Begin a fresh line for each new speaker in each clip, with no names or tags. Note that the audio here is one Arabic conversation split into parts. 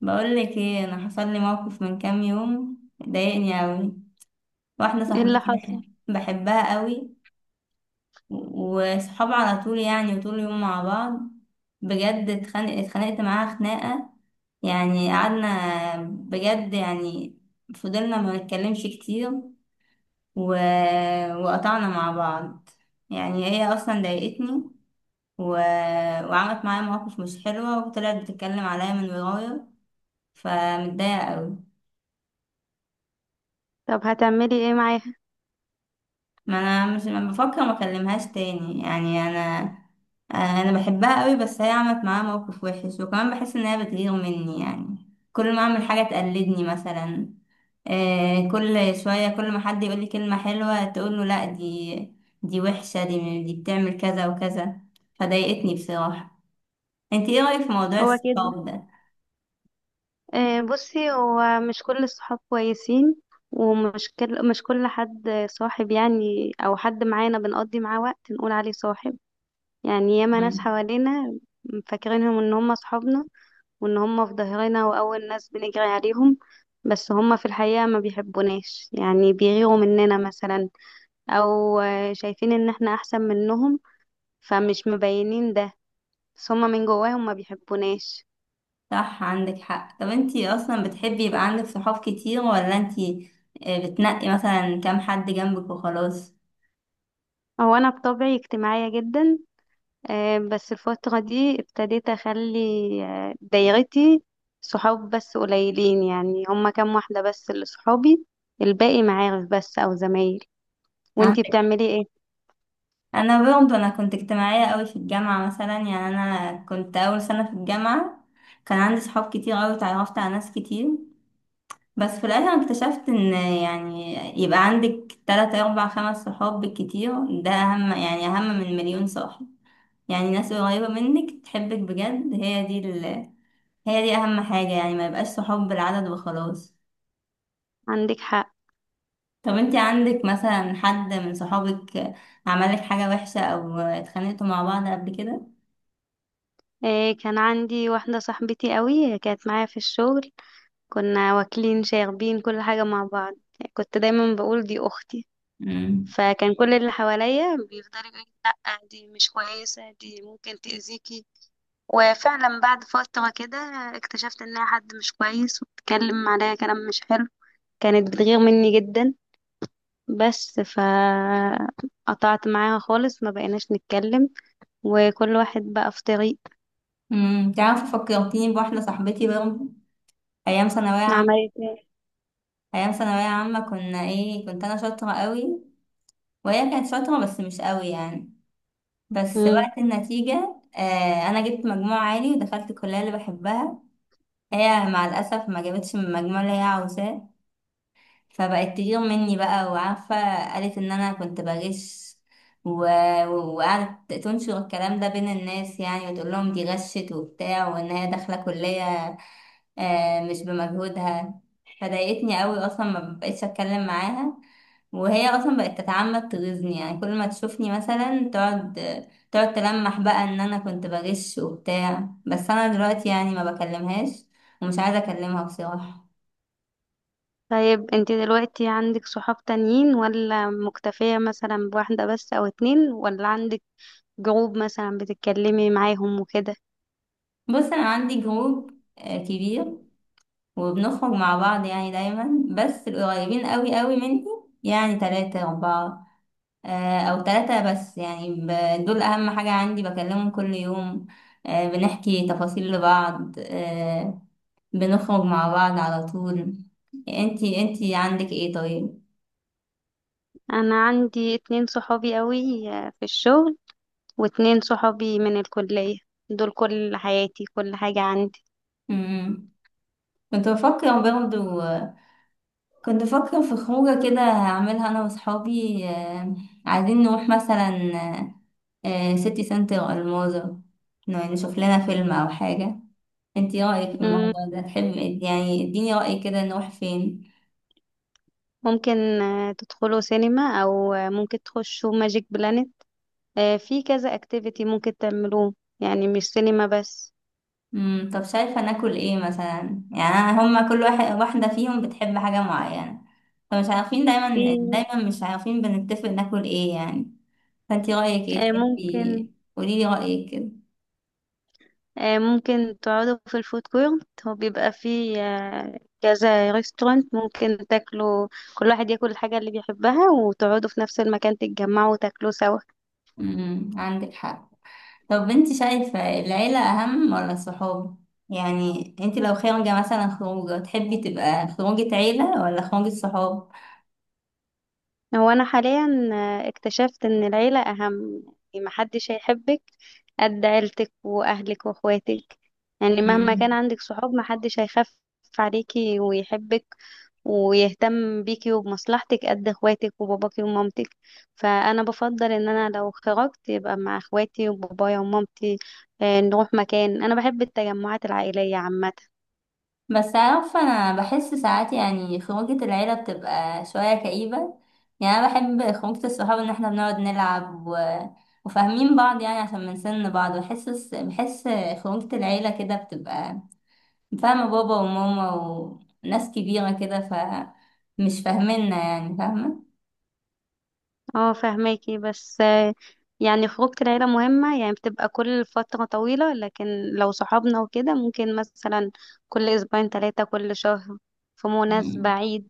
بقول لك ايه، انا حصل لي موقف من كام يوم ضايقني قوي. واحده
ايه اللي
صاحبتي
حصل؟
بحبها قوي، وصحاب على طول، يعني وطول اليوم مع بعض. بجد اتخانقت معاها خناقه، يعني قعدنا بجد يعني، فضلنا ما نتكلمش كتير و... وقطعنا مع بعض. يعني هي اصلا ضايقتني و... وعملت معايا مواقف مش حلوه، وطلعت بتتكلم عليا من ورايا، فمتضايقه قوي.
طب هتعملي ايه معاها؟
ما انا مش، ما بفكر ما اكلمهاش تاني، يعني انا. انا بحبها قوي، بس هي عملت معايا موقف وحش، وكمان بحس ان هي بتغير مني، يعني كل ما اعمل حاجه تقلدني مثلا. كل شويه كل ما حد يقول لي كلمه حلوه تقول له لا دي دي وحشه، دي بتعمل كذا وكذا، فضايقتني بصراحه. انت ايه رايك في موضوع
هو كده.
الصحاب ده؟
آه، بصي، هو مش كل الصحاب كويسين. ومش كل مش كل حد صاحب، يعني او حد معانا بنقضي معاه وقت نقول عليه صاحب. يعني ياما ناس
مم.
حوالينا فاكرينهم ان هم صحابنا وان هم في ظهرنا واول ناس بنجري عليهم، بس هم في الحقيقة ما بيحبوناش، يعني بيغيروا مننا مثلا، او شايفين ان احنا احسن منهم فمش مبينين ده، بس هم من جواهم ما بيحبوناش.
صح، عندك حق. طب انت اصلا بتحبي يبقى عندك صحاب كتير، ولا انت بتنقي مثلا كام حد جنبك وخلاص؟
هو انا بطبعي اجتماعيه جدا، بس الفتره دي ابتديت اخلي دايرتي صحاب بس قليلين، يعني هما كام واحده بس اللي صحابي، الباقي معارف بس او زمايل. وانتي
عندك.
بتعملي ايه؟
انا كنت اجتماعيه قوي في الجامعه مثلا، يعني انا كنت اول سنه في الجامعه كان عندي صحاب كتير قوي، اتعرفت على ناس كتير. بس في الاخر اكتشفت ان، يعني يبقى عندك تلاتة اربع خمس صحاب بالكتير، ده اهم، يعني اهم من مليون صاحب. يعني ناس قريبه منك تحبك بجد، هي دي هي دي اهم حاجه. يعني ما يبقاش صحاب بالعدد وخلاص.
عندك حق.
طب انتي عندك مثلا حد من صحابك عملك حاجه وحشه، او اتخانقتوا مع بعض قبل كده؟
كان عندي واحده صاحبتي قوي كانت معايا في الشغل، كنا واكلين شاربين كل حاجه مع بعض، كنت دايما بقول دي اختي.
مم.
فكان كل اللي حواليا بيفضلوا يقولوا لي: لا، دي مش كويسه، دي ممكن تاذيكي. وفعلا بعد فترة كده اكتشفت انها حد مش كويس وبتتكلم عليا كلام مش حلو، كانت بتغير مني جدا. بس قطعت معاها خالص، ما بقيناش نتكلم وكل واحد بقى في طريق.
تعرف، فكرتيني بواحده صاحبتي برضه، ايام ثانويه عامه.
عملت ايه؟
ايام ثانويه عامه كنا ايه، كنت انا شاطره قوي، وهي كانت شاطره بس مش قوي يعني. بس
مم.
وقت النتيجه، انا جبت مجموع عالي ودخلت الكليه اللي بحبها. هي مع الاسف ما جابتش من المجموع اللي هي عاوزاه، فبقت تغير مني بقى، وعارفه قالت ان انا كنت بغش و... وقعدت تنشر الكلام ده بين الناس، يعني وتقول لهم دي غشت وبتاع، وان هي داخله كليه مش بمجهودها. فضايقتني قوي اصلا، ما بقتش اتكلم معاها. وهي اصلا بقت تتعمد تغيظني، يعني كل ما تشوفني مثلا تقعد تلمح بقى ان انا كنت بغش وبتاع. بس انا دلوقتي يعني ما بكلمهاش، ومش عايزه اكلمها بصراحه.
طيب، انت دلوقتي عندك صحاب تانيين، ولا مكتفية مثلا بواحدة بس او اتنين، ولا عندك جروب مثلا بتتكلمي معاهم وكده؟
بص، انا عندي جروب كبير، وبنخرج مع بعض يعني دايما، بس القريبين قوي قوي مني يعني تلاتة أربعة، او ثلاثة بس. يعني دول اهم حاجة عندي، بكلمهم كل يوم، بنحكي تفاصيل لبعض، بنخرج مع بعض على طول. انتي عندك ايه طيب؟
انا عندي اتنين صحابي قوي في الشغل، واتنين صحابي من الكلية، دول كل حياتي، كل حاجة عندي.
مم. كنت بفكر برضه كنت بفكر في خروجة كده هعملها انا واصحابي، عايزين نروح مثلا سيتي سنتر الماظة، نشوف لنا فيلم او حاجة. انتي رأيك في
مم،
الموضوع ده، تحب يعني؟ اديني رأي كده، نروح فين؟
ممكن تدخلوا سينما، أو ممكن تخشوا ماجيك بلانت. في كذا اكتيفيتي ممكن تعملوه، يعني مش سينما بس.
طب شايفة ناكل ايه مثلا؟ يعني أنا، هما كل واحد واحدة فيهم بتحب حاجة معينة، فمش عارفين دايما
في
دايما، مش عارفين بنتفق ناكل ايه يعني. فانتي رأيك ايه،
آه، ممكن
تحبي قوليلي رأيك كده.
ممكن تقعدوا في الفود كورت، هو بيبقى فيه كذا ريستورانت، ممكن تاكلوا، كل واحد ياكل الحاجة اللي بيحبها، وتقعدوا في نفس المكان تتجمعوا وتاكلوا سوا.
عندك حق. طب انتي شايفة العيلة أهم ولا الصحاب؟ يعني انتي لو خارجة مثلا خروجة، تحبي تبقى خروجة عيلة ولا خروجة صحاب؟
هو انا حاليا اكتشفت ان العيله اهم، يعني محدش هيحبك قد عيلتك واهلك واخواتك، يعني مهما كان عندك صحاب محدش هيخاف عليكي ويحبك ويهتم بيكي وبمصلحتك قد اخواتك وباباكي ومامتك. فانا بفضل ان انا لو خرجت يبقى مع اخواتي وبابايا ومامتي، نروح مكان. انا بحب التجمعات العائليه عامه.
بس عارفة، أنا بحس ساعات يعني خروجة العيلة بتبقى شوية كئيبة. يعني أنا بحب خروجة الصحاب، إن احنا بنقعد نلعب وفاهمين بعض، يعني عشان من سن بعض، بحس خروجة العيلة كده بتبقى فاهمة بابا وماما، وناس كبيرة كده، ف مش فاهميننا يعني، فاهمة؟
اه، فهماكي، بس يعني خروجة العيلة مهمة، يعني بتبقى كل فترة طويلة، لكن لو صحابنا وكده ممكن مثلا كل أسبوعين، ثلاثة، كل شهر، في مناسبة،
مم.
عيد.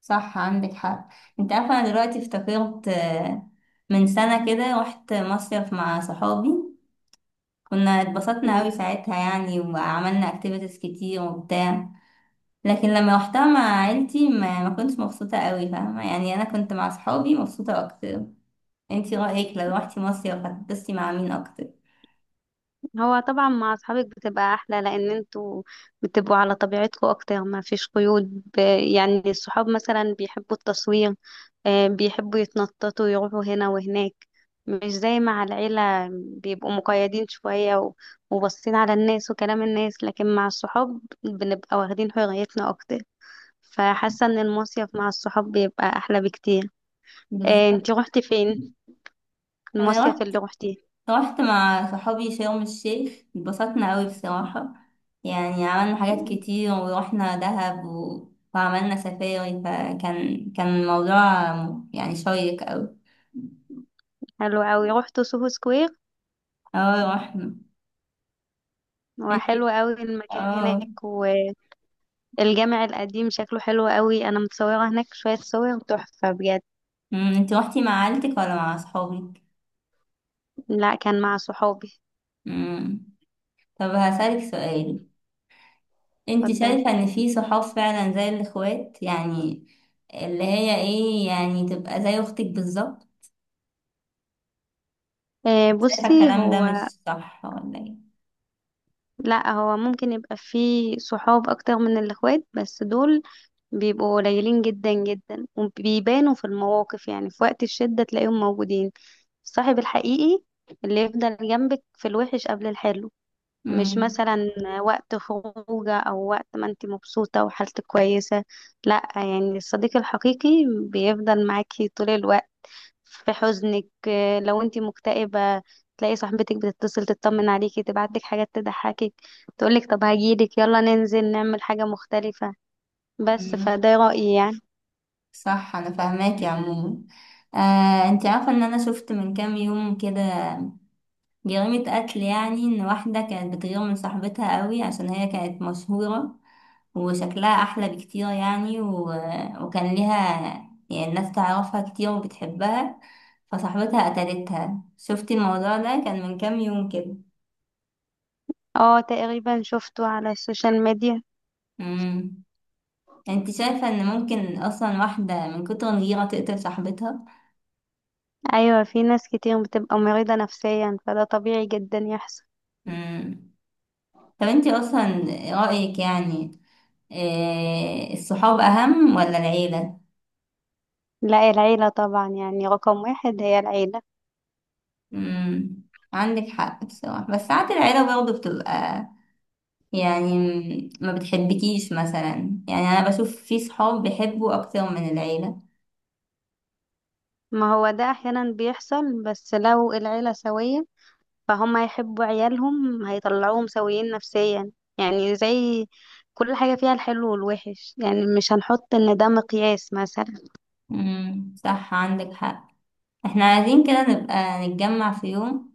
صح، عندك حق. انت عارفة، أنا دلوقتي افتكرت من سنة كده رحت مصيف مع صحابي. كنا اتبسطنا قوي ساعتها يعني، وعملنا اكتيفيتيز كتير وبتاع. لكن لما روحتها مع عيلتي ما كنتش مبسوطة قوي، فاهمة؟ يعني انا كنت مع صحابي مبسوطة اكتر. انتي رأيك لو روحتي مصيف هتتبسطي مع مين اكتر؟
هو طبعا مع اصحابك بتبقى احلى، لان انتوا بتبقوا على طبيعتكم اكتر، ما فيش قيود. يعني الصحاب مثلا بيحبوا التصوير، بيحبوا يتنططوا يروحوا هنا وهناك، مش زي مع العيلة بيبقوا مقيدين شوية وباصين على الناس وكلام الناس. لكن مع الصحاب بنبقى واخدين حريتنا اكتر، فحاسة ان المصيف مع الصحاب بيبقى احلى بكتير.
بالظبط.
انتي روحتي فين؟
انا
المصيف
رحت
اللي روحتيه.
رحت مع صحابي شرم الشيخ، اتبسطنا قوي بصراحة. يعني عملنا حاجات
مم.
كتير، ورحنا دهب وعملنا سفاري. فكان الموضوع يعني شيق قوي.
حلو اوي. روحتوا سوهو سكوير؟
اه، رحنا.
هو
انتي
حلو قوي المكان
اه
هناك، والجامع القديم شكله حلو قوي، انا متصوره هناك شويه صور تحفه بجد.
انت روحتي مع عيلتك ولا مع اصحابك؟
لا، كان مع صحابي.
امم طب هسألك سؤال. انت
اتفضلي.
شايفة ان في صحاب فعلا زي الاخوات، يعني اللي هي ايه يعني، تبقى زي اختك بالظبط؟ شايفة
بصي
الكلام ده
هو.
مش صح ولا ايه؟
لا، هو ممكن يبقى فيه صحاب اكتر من الاخوات، بس دول بيبقوا قليلين جدا جدا، وبيبانوا في المواقف، يعني في وقت الشده تلاقيهم موجودين. الصاحب الحقيقي اللي يفضل جنبك في الوحش قبل الحلو، مش
امم
مثلا وقت خروجه او وقت ما انت مبسوطة وحالتك كويسة. لا، يعني الصديق الحقيقي بيفضل معاكي طول الوقت، في حزنك، لو انت مكتئبة تلاقي صاحبتك بتتصل تطمن عليكي، تبعتلك حاجات تضحكك، تقولك طب هجيلك، يلا ننزل نعمل حاجة مختلفة. بس
امم
فده رأيي يعني.
صح. انا فاهماكي عموما. انت عارفة ان انا شفت من كام يوم كده جريمة قتل؟ يعني إن واحدة كانت بتغير من صاحبتها قوي، عشان هي كانت مشهورة وشكلها أحلى بكتير، يعني وكان ليها يعني الناس تعرفها كتير وبتحبها، فصاحبتها قتلتها. شفتي الموضوع ده كان من كام يوم كده؟
اه، تقريبا شفته على السوشيال ميديا.
امم انت شايفة ان ممكن اصلا واحدة من كتر الغيرة تقتل صاحبتها؟
ايوه، في ناس كتير بتبقى مريضة نفسيا، فده طبيعي جدا يحصل.
امم طب انت اصلا رأيك يعني إيه، الصحاب اهم ولا العيلة؟
لا، العيلة طبعا، يعني رقم واحد هي العيلة.
امم عندك حق بصراحة. بس ساعات العيلة برضه بتبقى، يعني ما بتحبكيش مثلا. يعني أنا بشوف في صحاب بيحبوا أكتر من العيلة.
ما هو ده أحيانا بيحصل، بس لو العيلة سوية فهم هيحبوا عيالهم، هيطلعوهم سويين نفسيا، يعني زي كل حاجة فيها الحلو والوحش، يعني مش هنحط إن ده مقياس مثلا.
صح، عندك حق. احنا عايزين كده نبقى نتجمع في يوم،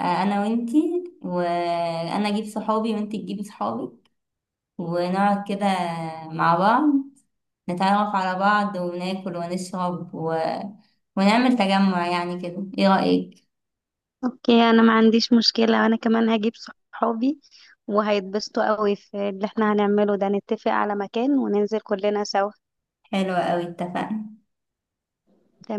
أنا وإنتي، وأنا أجيب صحابي وإنتي تجيبي صحابك، ونقعد كده مع بعض، نتعرف على بعض، وناكل ونشرب ونعمل تجمع يعني كده، ايه رأيك؟
أوكي، أنا ما عنديش مشكلة، أنا كمان هجيب صحابي وهيتبسطوا قوي في اللي احنا هنعمله ده، نتفق على مكان وننزل كلنا سوا.
حلوة أوي، اتفقنا.